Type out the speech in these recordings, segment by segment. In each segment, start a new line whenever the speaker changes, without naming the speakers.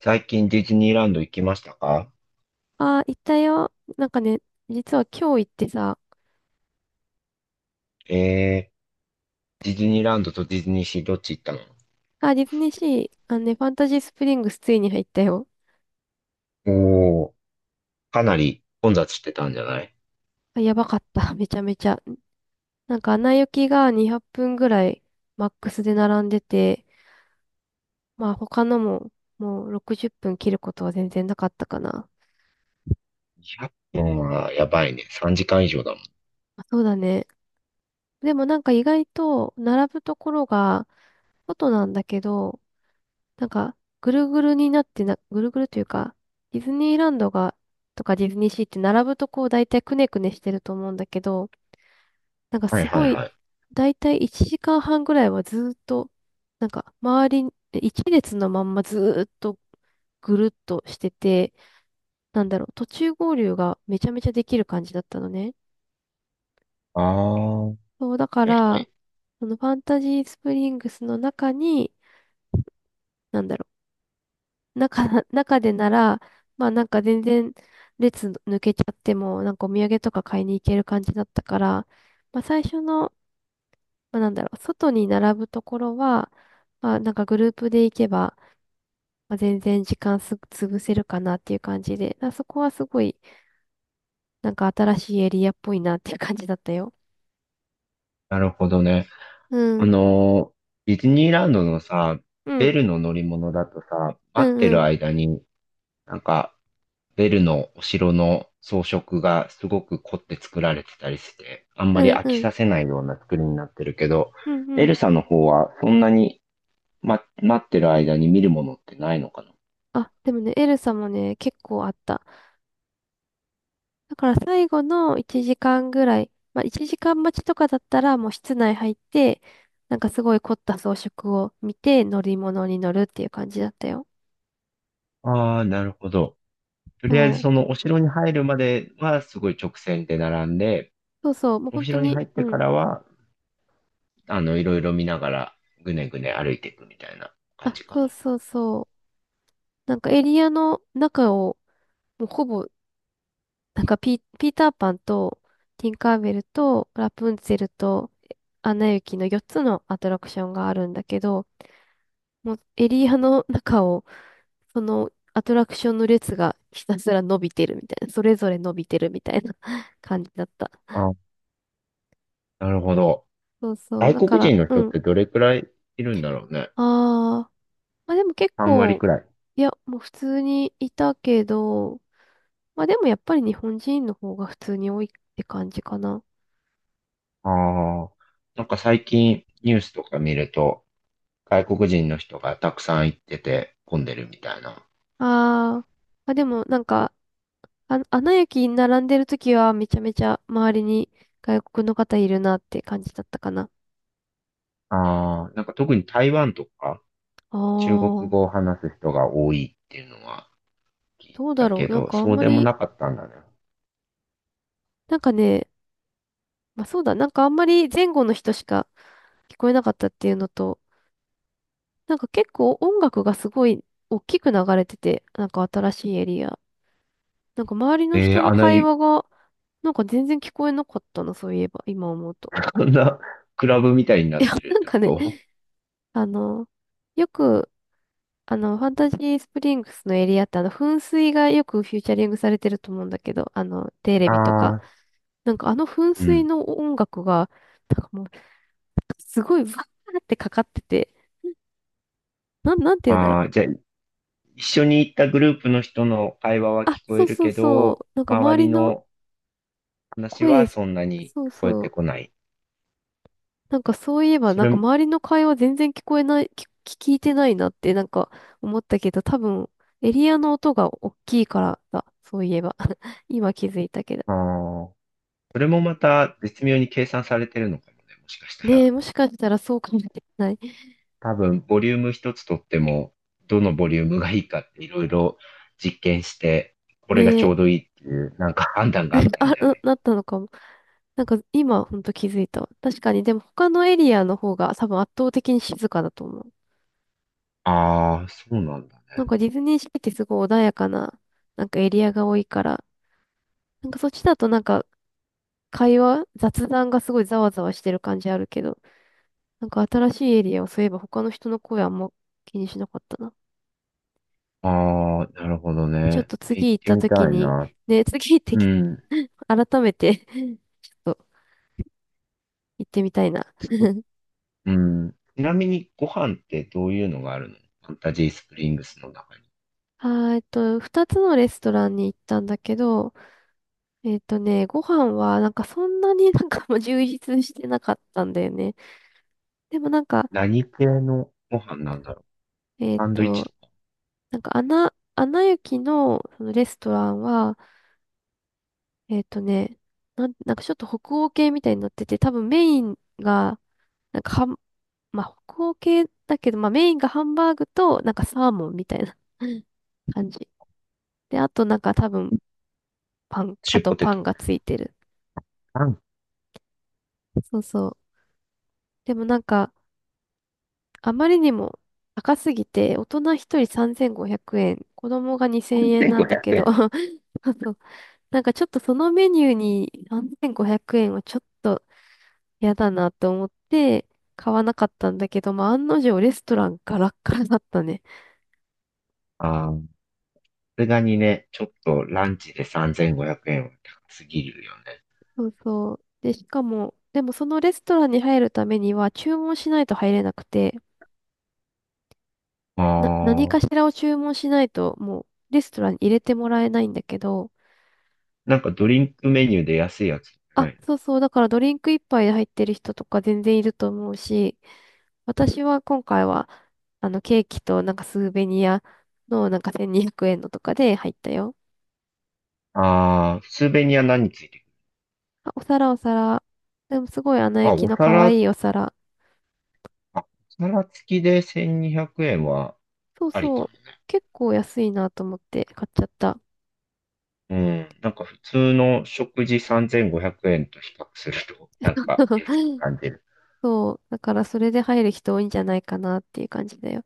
最近ディズニーランド行きましたか？
ああ、行ったよ。なんかね、実は今日行ってさ、
えディズニーランドとディズニーシーどっち行ったの？
あ、ディズニーシー、あのね、ファンタジースプリングスついに入ったよ。
おー、かなり混雑してたんじゃない？
あ、やばかった。めちゃめちゃ。なんか、アナ雪が200分ぐらいマックスで並んでて、まあ、他のも、もう60分切ることは全然なかったかな。
2 0分はやばいね。3時間以上だもん。
まあそうだね。でもなんか意外と並ぶところが外なんだけど、なんか、ぐるぐるになってな、ぐるぐるというか、ディズニーランドが、とかディズニーシーって並ぶとこう大体くねくねしてると思うんだけど、なんか
はい
す
は
ご
い
い、
はい。
大体1時間半ぐらいはずーっと、なんか周りに、一列のまんまずーっとぐるっとしてて、なんだろう、途中合流がめちゃめちゃできる感じだったのね。
あー、
そう、だか
はいは
ら、
い。
そのファンタジースプリングスの中に、なんだろう中、中でなら、まあなんか全然列抜けちゃっても、なんかお土産とか買いに行ける感じだったから、まあ最初の、まあなんだろう、外に並ぶところは、まあなんかグループで行けば、まあ、全然時間す、潰せるかなっていう感じで、まあそこはすごい、なんか新しいエリアっぽいなっていう感じだったよ。
なるほどね。
う
あ
ん。
のディズニーランドのさ、
うん。
ベルの乗り物だとさ、
う
待って
んう
る
ん。
間になんかベルのお城の装飾がすごく凝って作られてたりして、あんま
う
り
ん
飽き
うん。
させないような作りになってるけど、
うん
エ
う
ル
ん。
サの方はそんなに、待ってる間に見るものってないのか
あ、でもね、エルサもね、結構あった。だから最後の1時間ぐらい、まあ1時間待ちとかだったらもう室内入って、なんかすごい凝った装飾を見て乗り物に乗るっていう感じだったよ。
な？ああ、なるほど。とりあえず
そう。
そのお城に入るまではすごい直線で並んで、
そうそう。もう
お
本当
城に
に、
入っ
う
てか
ん。
らは、いろいろ見ながらぐねぐね歩いていくみたいな感
あ、
じか
そう
な。
そうそう。なんかエリアの中を、もうほぼ、ピーターパンと、ティンカーベルと、ラプンツェルと、アナ雪の4つのアトラクションがあるんだけど、もうエリアの中を、そのアトラクションの列がひたすら伸びてるみたいな、それぞれ伸びてるみたいな 感じだった。
あ、なるほど。
そうそう。
外
だか
国
ら、
人の人っ
うん。
てどれくらいいるんだろうね。
あー。まあでも結
3割
構、
くらい。
いや、もう普通にいたけど、まあでもやっぱり日本人の方が普通に多いって感じかな。
ああ、なんか最近ニュースとか見ると、外国人の人がたくさん行ってて混んでるみたいな。
あー。まあでもなんか、あ、アナ雪に並んでる時はめちゃめちゃ周りに外国の方いるなって感じだったかな。
ああ、なんか特に台湾とか
あ
中国
ー。
語を話す人が多いっていうのは聞い
どうだ
た
ろ
け
う。なん
ど、
かあん
そう
ま
でも
り、
なかったんだね。
なんかね、まあそうだ、なんかあんまり前後の人しか聞こえなかったっていうのと、なんか結構音楽がすごい大きく流れてて、なんか新しいエリア。なんか周りの
え
人
ー
の
あんな、
会話が、なんか全然聞こえなかったな、そういえば、今思うと。
こんなクラブみたいにな
い
っ
や、
てるっ
なん
て
か
こ
ね、
と？
あの、よく、あの、ファンタジースプリングスのエリアって、あの、噴水がよくフューチャリングされてると思うんだけど、あの、テレビとか。
ああ
なんかあの噴
ー、う
水
ん。
の音楽が、なんかもう、すごいバーってかかってて、なんて言うんだろ
ああ、
う。
じゃあ一緒に行ったグループの人の会話は
あ、
聞こ
そ
え
う
る
そう
け
そ
ど、
う。なんか
周
周り
り
の
の話
声、
はそんなに
そう
聞こえ
そ
て
う。
こない。
なんかそういえば、
そ
なん
れ
か
も、
周りの会話全然聞こえない、聞、聞いてないなってなんか思ったけど、多分エリアの音が大きいからだ。そういえば。今気づいたけど。
ああ。それもまた絶妙に計算されてるのかもね、もしかした
ねえ、
ら。
もしかしたらそうかもしれない。
多分、ボリューム一つとっても、どのボリュームがいいかっていろいろ実験して、これが
ね
ち
え、
ょうどいいっていう、なんか判断があったんじゃない
な
か
ったのかも。なんか今ほんと気づいたわ。確かに、でも他のエリアの方が多分圧倒的に静かだと思う。
な。ああ、そうなんだね。
なんかディズニーシーってすごい穏やかな、なんかエリアが多いから、なんかそっちだとなんか会話、雑談がすごいざわざわしてる感じあるけど、なんか新しいエリアをそういえば他の人の声あんま気にしなかったな。
ああ、なるほど
ちょっ
ね。
と
行
次
っ
行っ
て
た
み
時
たい
に、
な。
ね、次行って
う
き、
ん。
改めて ちょっと行ってみたいな。
ちうん。ちなみにご飯ってどういうのがあるの、ファンタジースプリングスの中に？
あー、えっと、二つのレストランに行ったんだけど、えっとね、ご飯はなんかそんなに なんかもう充実してなかったんだよね。でもなんか、
何系のご飯なんだろう？
えっ
サンドイッチ
と、
とか、
アナ雪のそのレストランは、えっとね、なんかちょっと北欧系みたいになってて、多分メインが、なんかはん、まあ北欧系だけど、まあメインがハンバーグと、なんかサーモンみたいな 感じ。で、あとなんか多分
シ
あ
ュー
と
ポテ
パ
ト
ン
み
が
たい
ついてる。
な。
そうそう。でもなんか、あまりにも高すぎて、大人一人3500円、子供が2000円な
3500
んだけど、
円。
そうそう。なんかちょっとそのメニューに3500円はちょっと嫌だなと思って、買わなかったんだけど、まあ、案の定レストランガラッガラだったね。
ああ、れがにね、ちょっとランチで3500円は高すぎるよね。
そうそう。で、しかも、でもそのレストランに入るためには注文しないと入れなくて、
あ
何か
あ、
しらを注文しないと、もうレストランに入れてもらえないんだけど、
なんかドリンクメニューで安いやつな
あ、
い？
そうそう、だからドリンク一杯で入ってる人とか全然いると思うし、私は今回は、あの、ケーキとなんかスーベニアのなんか1200円のとかで入ったよ。
ああ、スーベニア何ついてくる？
お皿。でもすごいアナ
あ、
雪
お
の可
皿、
愛いお皿。
あ、お皿付きで1200円は
そう
あり
そ
か
う。
もね。
結構安いなと思って買っちゃった。
うん、なんか普通の食事3500円と比較すると、なんか安く 感じる。
そう。だからそれで入る人多いんじゃないかなっていう感じだよ。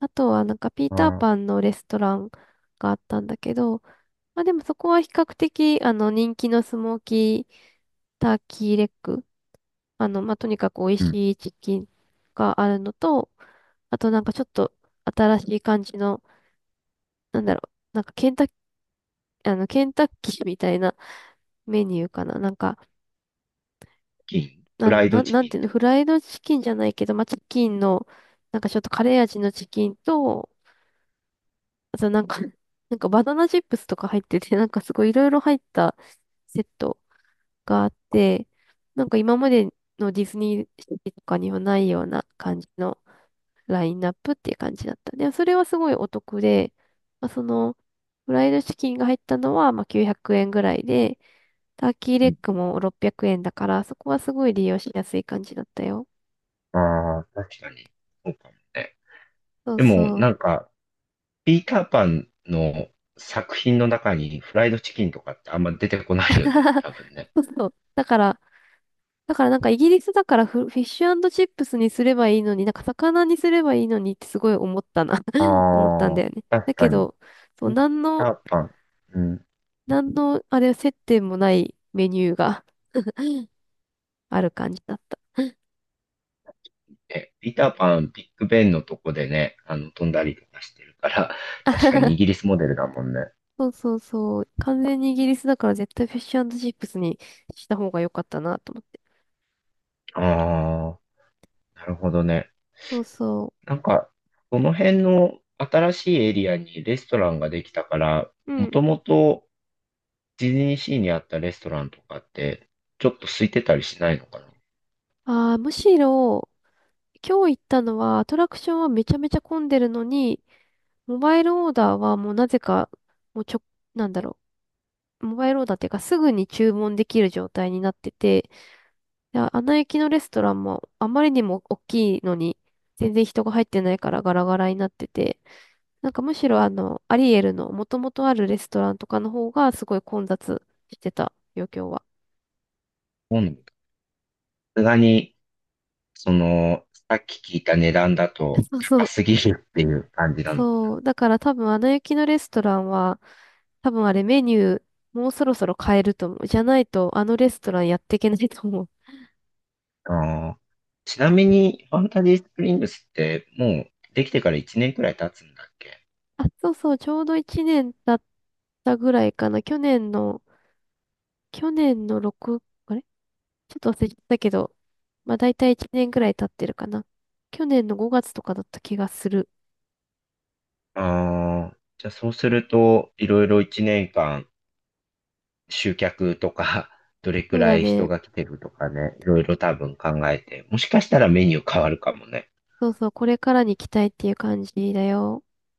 あとはなんかピー
あ
ター
あ、
パンのレストランがあったんだけど、まあでもそこは比較的あの人気のスモーキーターキーレッグ。あの、まあとにかく美味
うん。
しいチキンがあるのと、あとなんかちょっと新しい感じの、なんだろう、なんかケンタッあの、ケンタッキーみたいなメニューかな。
チキンフライドチ
なん
キ
て
ンっ
いうの、
て？
フライドチキンじゃないけど、まあ、チキンの、なんかちょっとカレー味のチキンと、あとなんか、なんかバナナチップスとか入ってて、なんかすごいいろいろ入ったセットがあって、なんか今までのディズニーシーとかにはないような感じのラインナップっていう感じだった。で、それはすごいお得で、まあ、その、フライドチキンが入ったのは、まあ、900円ぐらいで、ターキーレ
う
ッグ
ん、
も600円だから、そこはすごい利用しやすい感じだったよ。
ああ、確かに。そうかもね。
そう
でも、
そう。
なんか、ピーターパンの作品の中にフライドチキンとかってあんま出てこないよね、多分ね。
そうそう。だからなんかイギリスだからフィッシュチップスにすればいいのに、なんか魚にすればいいのにってすごい思ったな 思ったんだ
ああ、
よね。だ
確か
け
に。
ど、そう、
ピー
なん
タ
の、
ーパン。うん。
なんの、あれ、接点もないメニューがある感じだった。
え、ピーターパン、ビッグベンのとこでね、飛んだりとかしてるから、確かにイギリ スモデルだもんね。
そうそうそう。完全にイギリスだから絶対フィッシュチップスにした方が良かったなと思って。
ああ、なるほどね。
そうそ
なんか、その辺の新しいエリアにレストランができたから、
う。う
も
ん。
ともとディズニーシーにあったレストランとかって、ちょっと空いてたりしないのかな？
ああ、むしろ、今日行ったのはアトラクションはめちゃめちゃ混んでるのに、モバイルオーダーはもうなぜか、もうちょ、なんだろう、モバイルオーダーっていうかすぐに注文できる状態になってて、で、アナ雪のレストランもあまりにも大きいのに全然人が入ってないからガラガラになってて、なんかむしろあの、アリエルの元々あるレストランとかの方がすごい混雑してたよ、今日は。
今さすがに、その、さっき聞いた値段だ と
そうそ
高
う。
すぎるっていう感じなのか
そう。だから多分、アナ雪のレストランは、多分あれメニュー、もうそろそろ変えると思う。じゃないと、あのレストランやっていけないと思う。
な。あー、ちなみに、ファンタジースプリングスってもうできてから1年くらい経つんだっけ？
あ、そうそう、ちょうど1年経ったぐらいかな。去年の6、あれちょっと忘れちゃったけど、まあ大体1年ぐらい経ってるかな。去年の5月とかだった気がする。
ああ、じゃあそうすると、いろいろ1年間集客とか、どれく
そう
ら
だ
い人
ね。
が来てるとかね、いろいろ多分考えて、もしかしたらメニュー変わるかもね。
そうそう、これからに期待っていう感じだよ。